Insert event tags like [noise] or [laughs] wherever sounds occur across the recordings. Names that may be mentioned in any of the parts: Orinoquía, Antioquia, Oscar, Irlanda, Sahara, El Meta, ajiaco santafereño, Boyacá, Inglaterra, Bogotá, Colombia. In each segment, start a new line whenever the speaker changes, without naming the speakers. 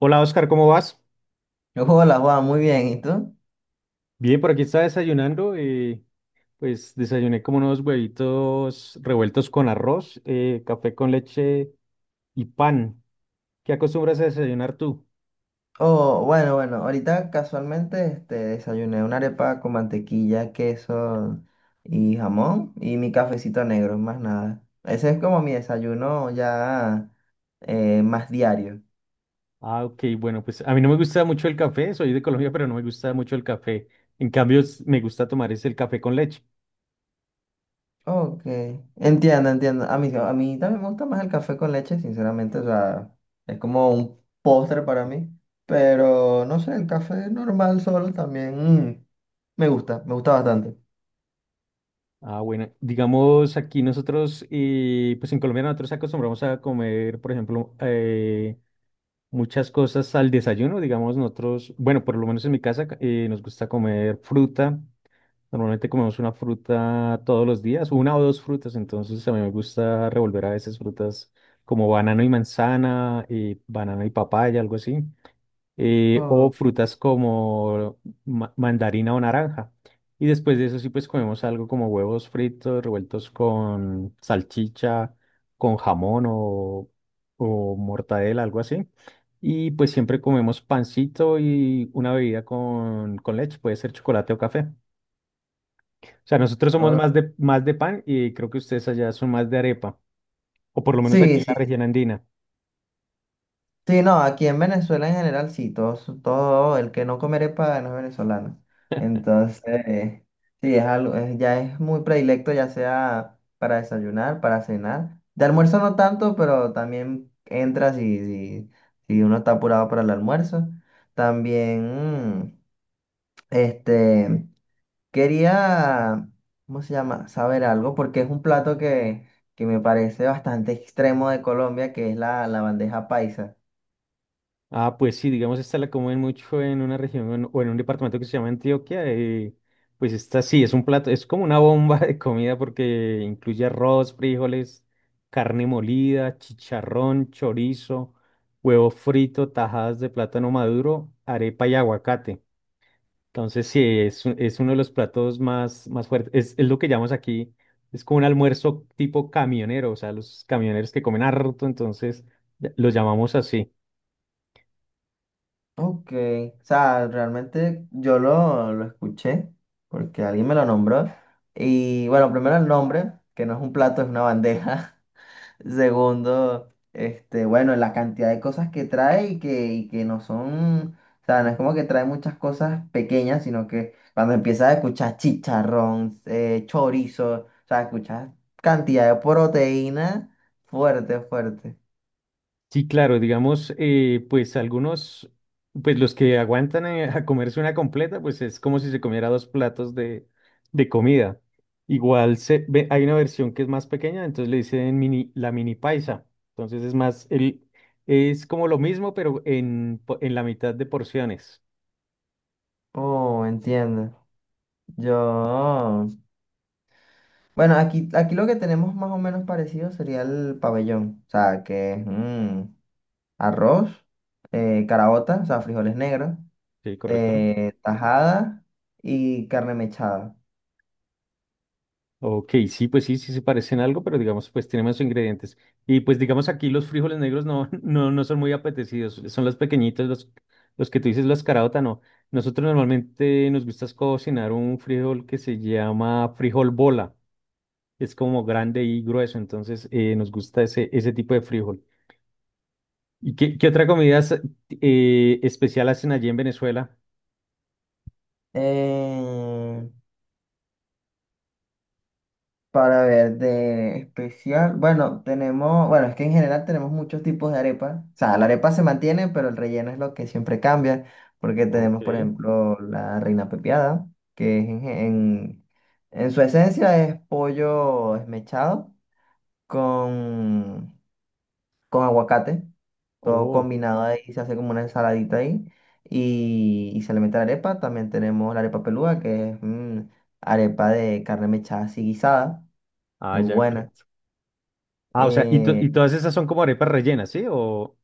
Hola Oscar, ¿cómo vas?
Yo juego Hola Juan, muy bien. ¿Y tú?
Bien, por aquí estaba desayunando. Pues desayuné como unos huevitos revueltos con arroz, café con leche y pan. ¿Qué acostumbras a desayunar tú?
Oh, bueno, ahorita casualmente desayuné una arepa con mantequilla, queso y jamón y mi cafecito negro, más nada. Ese es como mi desayuno ya más diario.
Ah, ok, bueno, pues a mí no me gusta mucho el café, soy de Colombia, pero no me gusta mucho el café. En cambio, me gusta tomar es el café con leche.
Ok, entiendo, entiendo. A mí también me gusta más el café con leche, sinceramente, o sea, es como un postre para mí, pero no sé, el café normal solo también mm, me gusta bastante.
Ah, bueno, digamos aquí nosotros, pues en Colombia nosotros acostumbramos a comer, por ejemplo, muchas cosas al desayuno, digamos nosotros, bueno, por lo menos en mi casa nos gusta comer fruta, normalmente comemos una fruta todos los días, una o dos frutas, entonces a mí me gusta revolver a veces frutas como banano y manzana, y banano y papaya, algo así, o
Oh,
frutas como mandarina o naranja. Y después de eso sí pues comemos algo como huevos fritos revueltos con salchicha, con jamón o mortadela, algo así. Y pues siempre comemos pancito y una bebida con leche, puede ser chocolate o café. O sea, nosotros somos
oh,
más más de pan y creo que ustedes allá son más de arepa, o por lo menos aquí
sí,
en la
sí.
región andina.
Sí, no, aquí en Venezuela en general sí, todo el que no comer arepa no es venezolano. Entonces, sí, ya es muy predilecto, ya sea para desayunar, para cenar. De almuerzo no tanto, pero también entra si uno está apurado para el almuerzo. También, este, quería, ¿cómo se llama? Saber algo, porque es un plato que me parece bastante extremo de Colombia, que es la bandeja paisa.
Ah, pues sí, digamos, esta la comen mucho en una región o en un departamento que se llama Antioquia. Pues esta sí, es un plato, es como una bomba de comida porque incluye arroz, frijoles, carne molida, chicharrón, chorizo, huevo frito, tajadas de plátano maduro, arepa y aguacate. Entonces sí, es uno de los platos más fuertes. Es lo que llamamos aquí, es como un almuerzo tipo camionero, o sea, los camioneros que comen harto, entonces lo llamamos así.
Ok, o sea, realmente lo escuché porque alguien me lo nombró. Y bueno, primero el nombre, que no es un plato, es una bandeja. [laughs] Segundo, bueno, la cantidad de cosas que trae y que no son, o sea, no es como que trae muchas cosas pequeñas, sino que cuando empiezas a escuchar chicharrón, chorizo, o sea, escuchas cantidad de proteína fuerte, fuerte.
Sí, claro, digamos, pues algunos, pues los que aguantan a comerse una completa, pues es como si se comiera dos platos de comida. Igual hay una versión que es más pequeña, entonces le dicen mini, la mini paisa. Entonces es más, el, es como lo mismo, pero en la mitad de porciones.
Oh, entiendo. Yo... Bueno, aquí lo que tenemos más o menos parecido sería el pabellón, o sea, que es mm, arroz, caraota, o sea, frijoles negros,
Sí, correcto.
tajada y carne mechada.
Ok, sí, pues sí, sí se parecen algo, pero digamos, pues tienen más ingredientes. Y pues digamos aquí los frijoles negros no, [laughs] no, no son muy apetecidos, son los pequeñitos, los que tú dices, los caraota, no. Nosotros normalmente nos gusta es cocinar un frijol que se llama frijol bola, es como grande y grueso, entonces nos gusta ese, ese tipo de frijol. ¿Y qué otra comida es, especial hacen allí en Venezuela?
Eh, Para ver de especial, bueno, tenemos, bueno, es que en general tenemos muchos tipos de arepa. O sea, la arepa se mantiene, pero el relleno es lo que siempre cambia, porque
Ok,
tenemos, por ejemplo, la reina pepiada, que es en su esencia es pollo esmechado con, con aguacate, todo
oh,
combinado ahí, se hace como una ensaladita ahí, y se le mete la arepa. También tenemos la arepa peluda, que es mm, arepa de carne mechada así guisada,
ah,
muy
ya,
buena.
correcto. Ah, o sea, y
Eh,
todas esas son como arepas rellenas, ¿sí?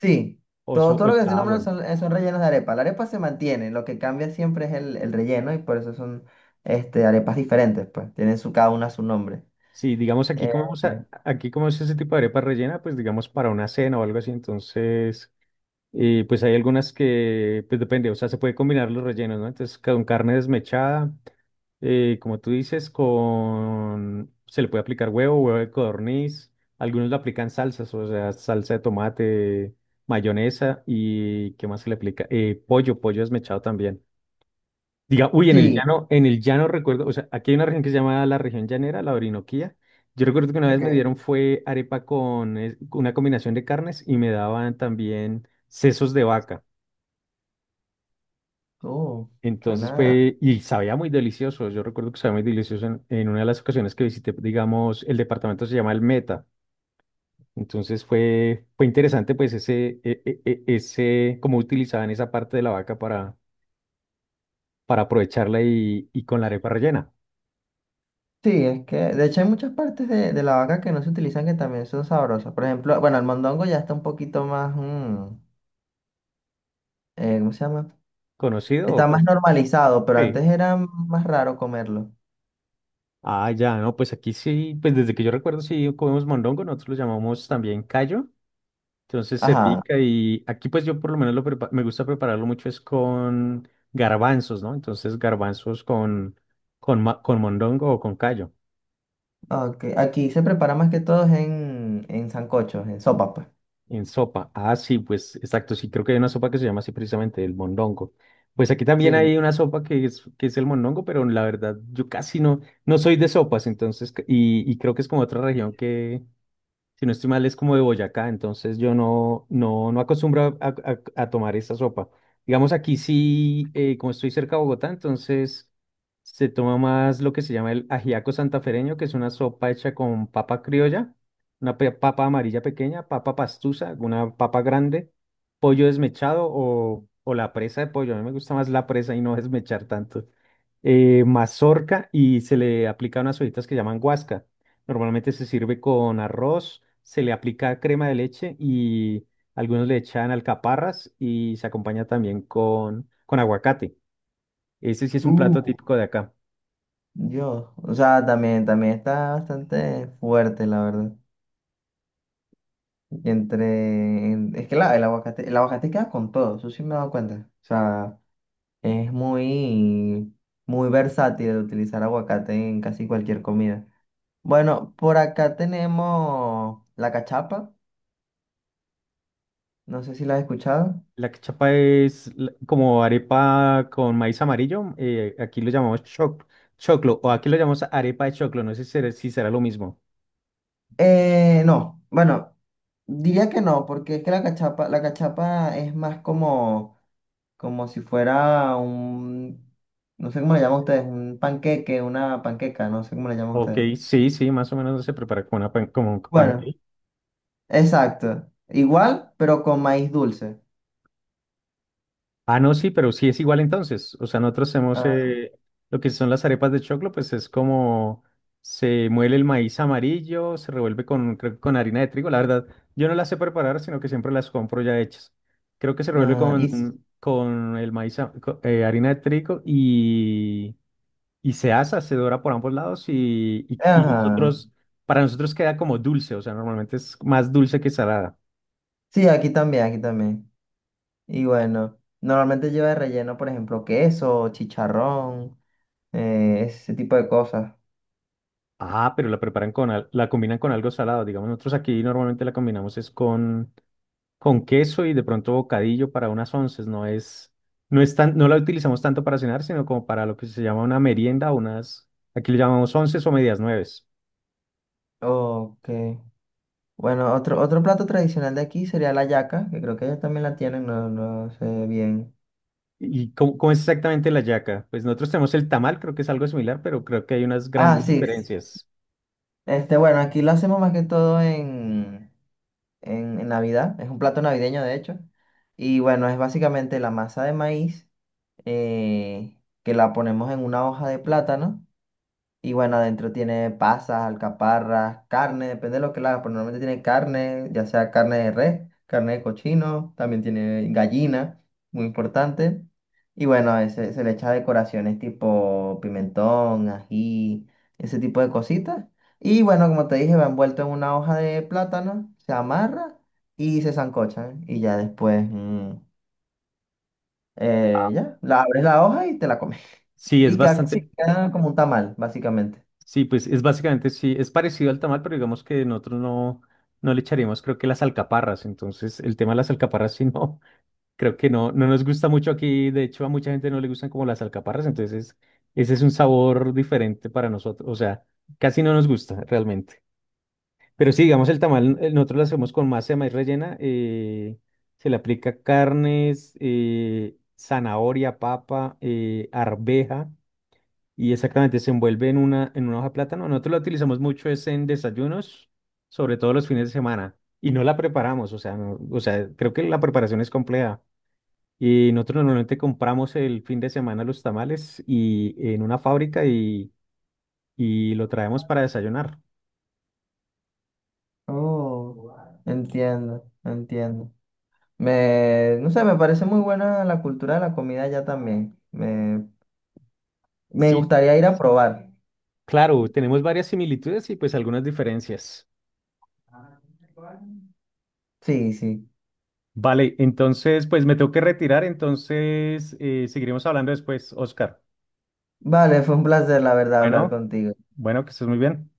sí,
O so-
todo lo que estoy
ah,
nombrando
bueno.
son, son rellenos de arepa. La arepa se mantiene, lo que cambia siempre es el relleno y por eso son arepas diferentes, pues tienen su, cada una su nombre.
Sí, digamos aquí
Eh,
comemos, aquí comemos ese tipo de arepa rellena, pues digamos para una cena o algo así. Entonces, pues hay algunas que, pues depende, o sea, se puede combinar los rellenos, ¿no? Entonces, con carne desmechada, como tú dices, con, se le puede aplicar huevo, huevo de codorniz. Algunos le aplican salsas, o sea, salsa de tomate, mayonesa y, ¿qué más se le aplica? Pollo, pollo desmechado también. Diga, uy,
sí,
en el llano recuerdo, o sea, aquí hay una región que se llama la región llanera, la Orinoquía. Yo recuerdo que una vez me
ok.
dieron fue arepa con una combinación de carnes y me daban también sesos de vaca.
Oh,
Entonces
suena.
fue, y sabía muy delicioso. Yo recuerdo que sabía muy delicioso en una de las ocasiones que visité, digamos, el departamento se llama El Meta. Entonces fue, fue interesante, pues, ese, e- e- e- ese, cómo utilizaban esa parte de la vaca para aprovecharla y con la arepa rellena.
Sí, es que de hecho hay muchas partes de la vaca que no se utilizan que también son sabrosas. Por ejemplo, bueno, el mondongo ya está un poquito más, mm, ¿cómo se llama?
¿Conocido o
Está más
con...
normalizado, pero antes era más raro comerlo.
Ah, ya, no, pues aquí sí, pues desde que yo recuerdo sí comemos mondongo, nosotros lo llamamos también callo, entonces se
Ajá.
pica y aquí pues yo por lo menos lo me gusta prepararlo mucho es con garbanzos, ¿no? Entonces garbanzos con mondongo o con callo
Ok, aquí se prepara más que todo es en sancochos, en sopas, pues.
en sopa. Ah, sí, pues exacto, sí, creo que hay una sopa que se llama así precisamente el mondongo. Pues aquí también
Sí.
hay una sopa que que es el mondongo, pero la verdad yo casi no, no soy de sopas, entonces, y creo que es como otra región si no estoy mal, es como de Boyacá, entonces yo no, no, no acostumbro a, a tomar esta sopa. Digamos aquí sí, como estoy cerca de Bogotá, entonces se toma más lo que se llama el ajiaco santafereño, que es una sopa hecha con papa criolla, una papa amarilla pequeña, papa pastusa, una papa grande, pollo desmechado o la presa de pollo. A mí me gusta más la presa y no desmechar tanto mazorca y se le aplica unas hojitas que llaman guasca. Normalmente se sirve con arroz, se le aplica crema de leche y algunos le echan alcaparras y se acompaña también con aguacate. Ese sí es un
Uh.
plato típico de acá.
Dios. O sea, también, también está bastante fuerte, la verdad. Y entre. En- es que la- el aguacate queda con todo, eso sí me he dado cuenta. O sea, es muy, muy versátil utilizar aguacate en casi cualquier comida. Bueno, por acá tenemos la cachapa. No sé si la has escuchado.
La cachapa es como arepa con maíz amarillo. Aquí lo llamamos choclo o aquí lo llamamos arepa de choclo. No sé si será, si será lo mismo.
No. Bueno. Diría que no, porque es que la cachapa es más como, como si fuera un, no sé cómo le llaman ustedes, un panqueque, una panqueca, no sé cómo le llaman
Ok,
ustedes.
sí, sí, más o menos se prepara como una pan, como un
Bueno,
pancake.
exacto. Igual, pero con maíz dulce.
Ah, no, sí, pero sí es igual entonces. O sea, nosotros hacemos
Ah,
lo que son las arepas de choclo, pues es como se muele el maíz amarillo, se revuelve con, creo que con harina de trigo. La verdad, yo no las sé preparar, sino que siempre las compro ya hechas. Creo que se revuelve
ah, y, s-
con el maíz, harina de trigo y se asa, se dora por ambos lados y, y
ajá.
nosotros, para nosotros queda como dulce, o sea, normalmente es más dulce que salada.
Sí, aquí también, aquí también. Y bueno, normalmente lleva de relleno, por ejemplo, queso, chicharrón, ese tipo de cosas.
Ah, pero la preparan con, la combinan con algo salado. Digamos, nosotros aquí normalmente la combinamos es con queso y de pronto bocadillo para unas onces. No es, no es tan, no la utilizamos tanto para cenar, sino como para lo que se llama una merienda, unas, aquí le llamamos onces o medias nueves.
Ok. Bueno, otro, otro plato tradicional de aquí sería la yaca, que creo que ellos también la tienen, no, no sé bien.
¿Y cómo, cómo es exactamente la yaca? Pues nosotros tenemos el tamal, creo que es algo similar, pero creo que hay unas
Ah,
grandes
sí. Sí.
diferencias.
Este, bueno, aquí lo hacemos más que todo en Navidad. Es un plato navideño, de hecho. Y bueno, es básicamente la masa de maíz eh, que la ponemos en una hoja de plátano. Y bueno, adentro tiene pasas, alcaparras, carne, depende de lo que la hagas, pero normalmente tiene carne, ya sea carne de res, carne de cochino, también tiene gallina, muy importante. Y bueno, se le echa decoraciones tipo pimentón, ají, ese tipo de cositas. Y bueno, como te dije, va envuelto en una hoja de plátano, se amarra y se sancocha. Y ya después, ya, la abres la hoja y te la comes. [laughs]
Sí, es
Y queda, sí,
bastante.
queda como un tamal, básicamente.
Sí, pues es básicamente, sí, es parecido al tamal, pero digamos que nosotros no, no le echaríamos, creo que las alcaparras. Entonces, el tema de las alcaparras, sí, no, [laughs] creo que no, no nos gusta mucho aquí. De hecho, a mucha gente no le gustan como las alcaparras. Entonces, ese es un sabor diferente para nosotros. O sea, casi no nos gusta realmente. Pero sí, digamos, el tamal, nosotros lo hacemos con masa de maíz rellena. Se le aplica carnes, zanahoria, papa, arveja y exactamente se envuelve en una hoja de plátano. Nosotros la utilizamos mucho es en desayunos, sobre todo los fines de semana, y no la preparamos, o sea, o sea, creo que la preparación es compleja. Y nosotros normalmente compramos el fin de semana los tamales y en una fábrica y lo traemos para desayunar.
Oh, entiendo, entiendo. Me, no sé, me parece muy buena la cultura de la comida allá también. Me
Sí,
gustaría ir a probar.
claro, tenemos varias similitudes y pues algunas diferencias.
Sí, sí.
Vale, entonces pues me tengo que retirar, entonces seguiremos hablando después, Oscar.
Vale, fue un placer, la verdad, hablar
Bueno,
contigo.
bueno, que estés muy bien.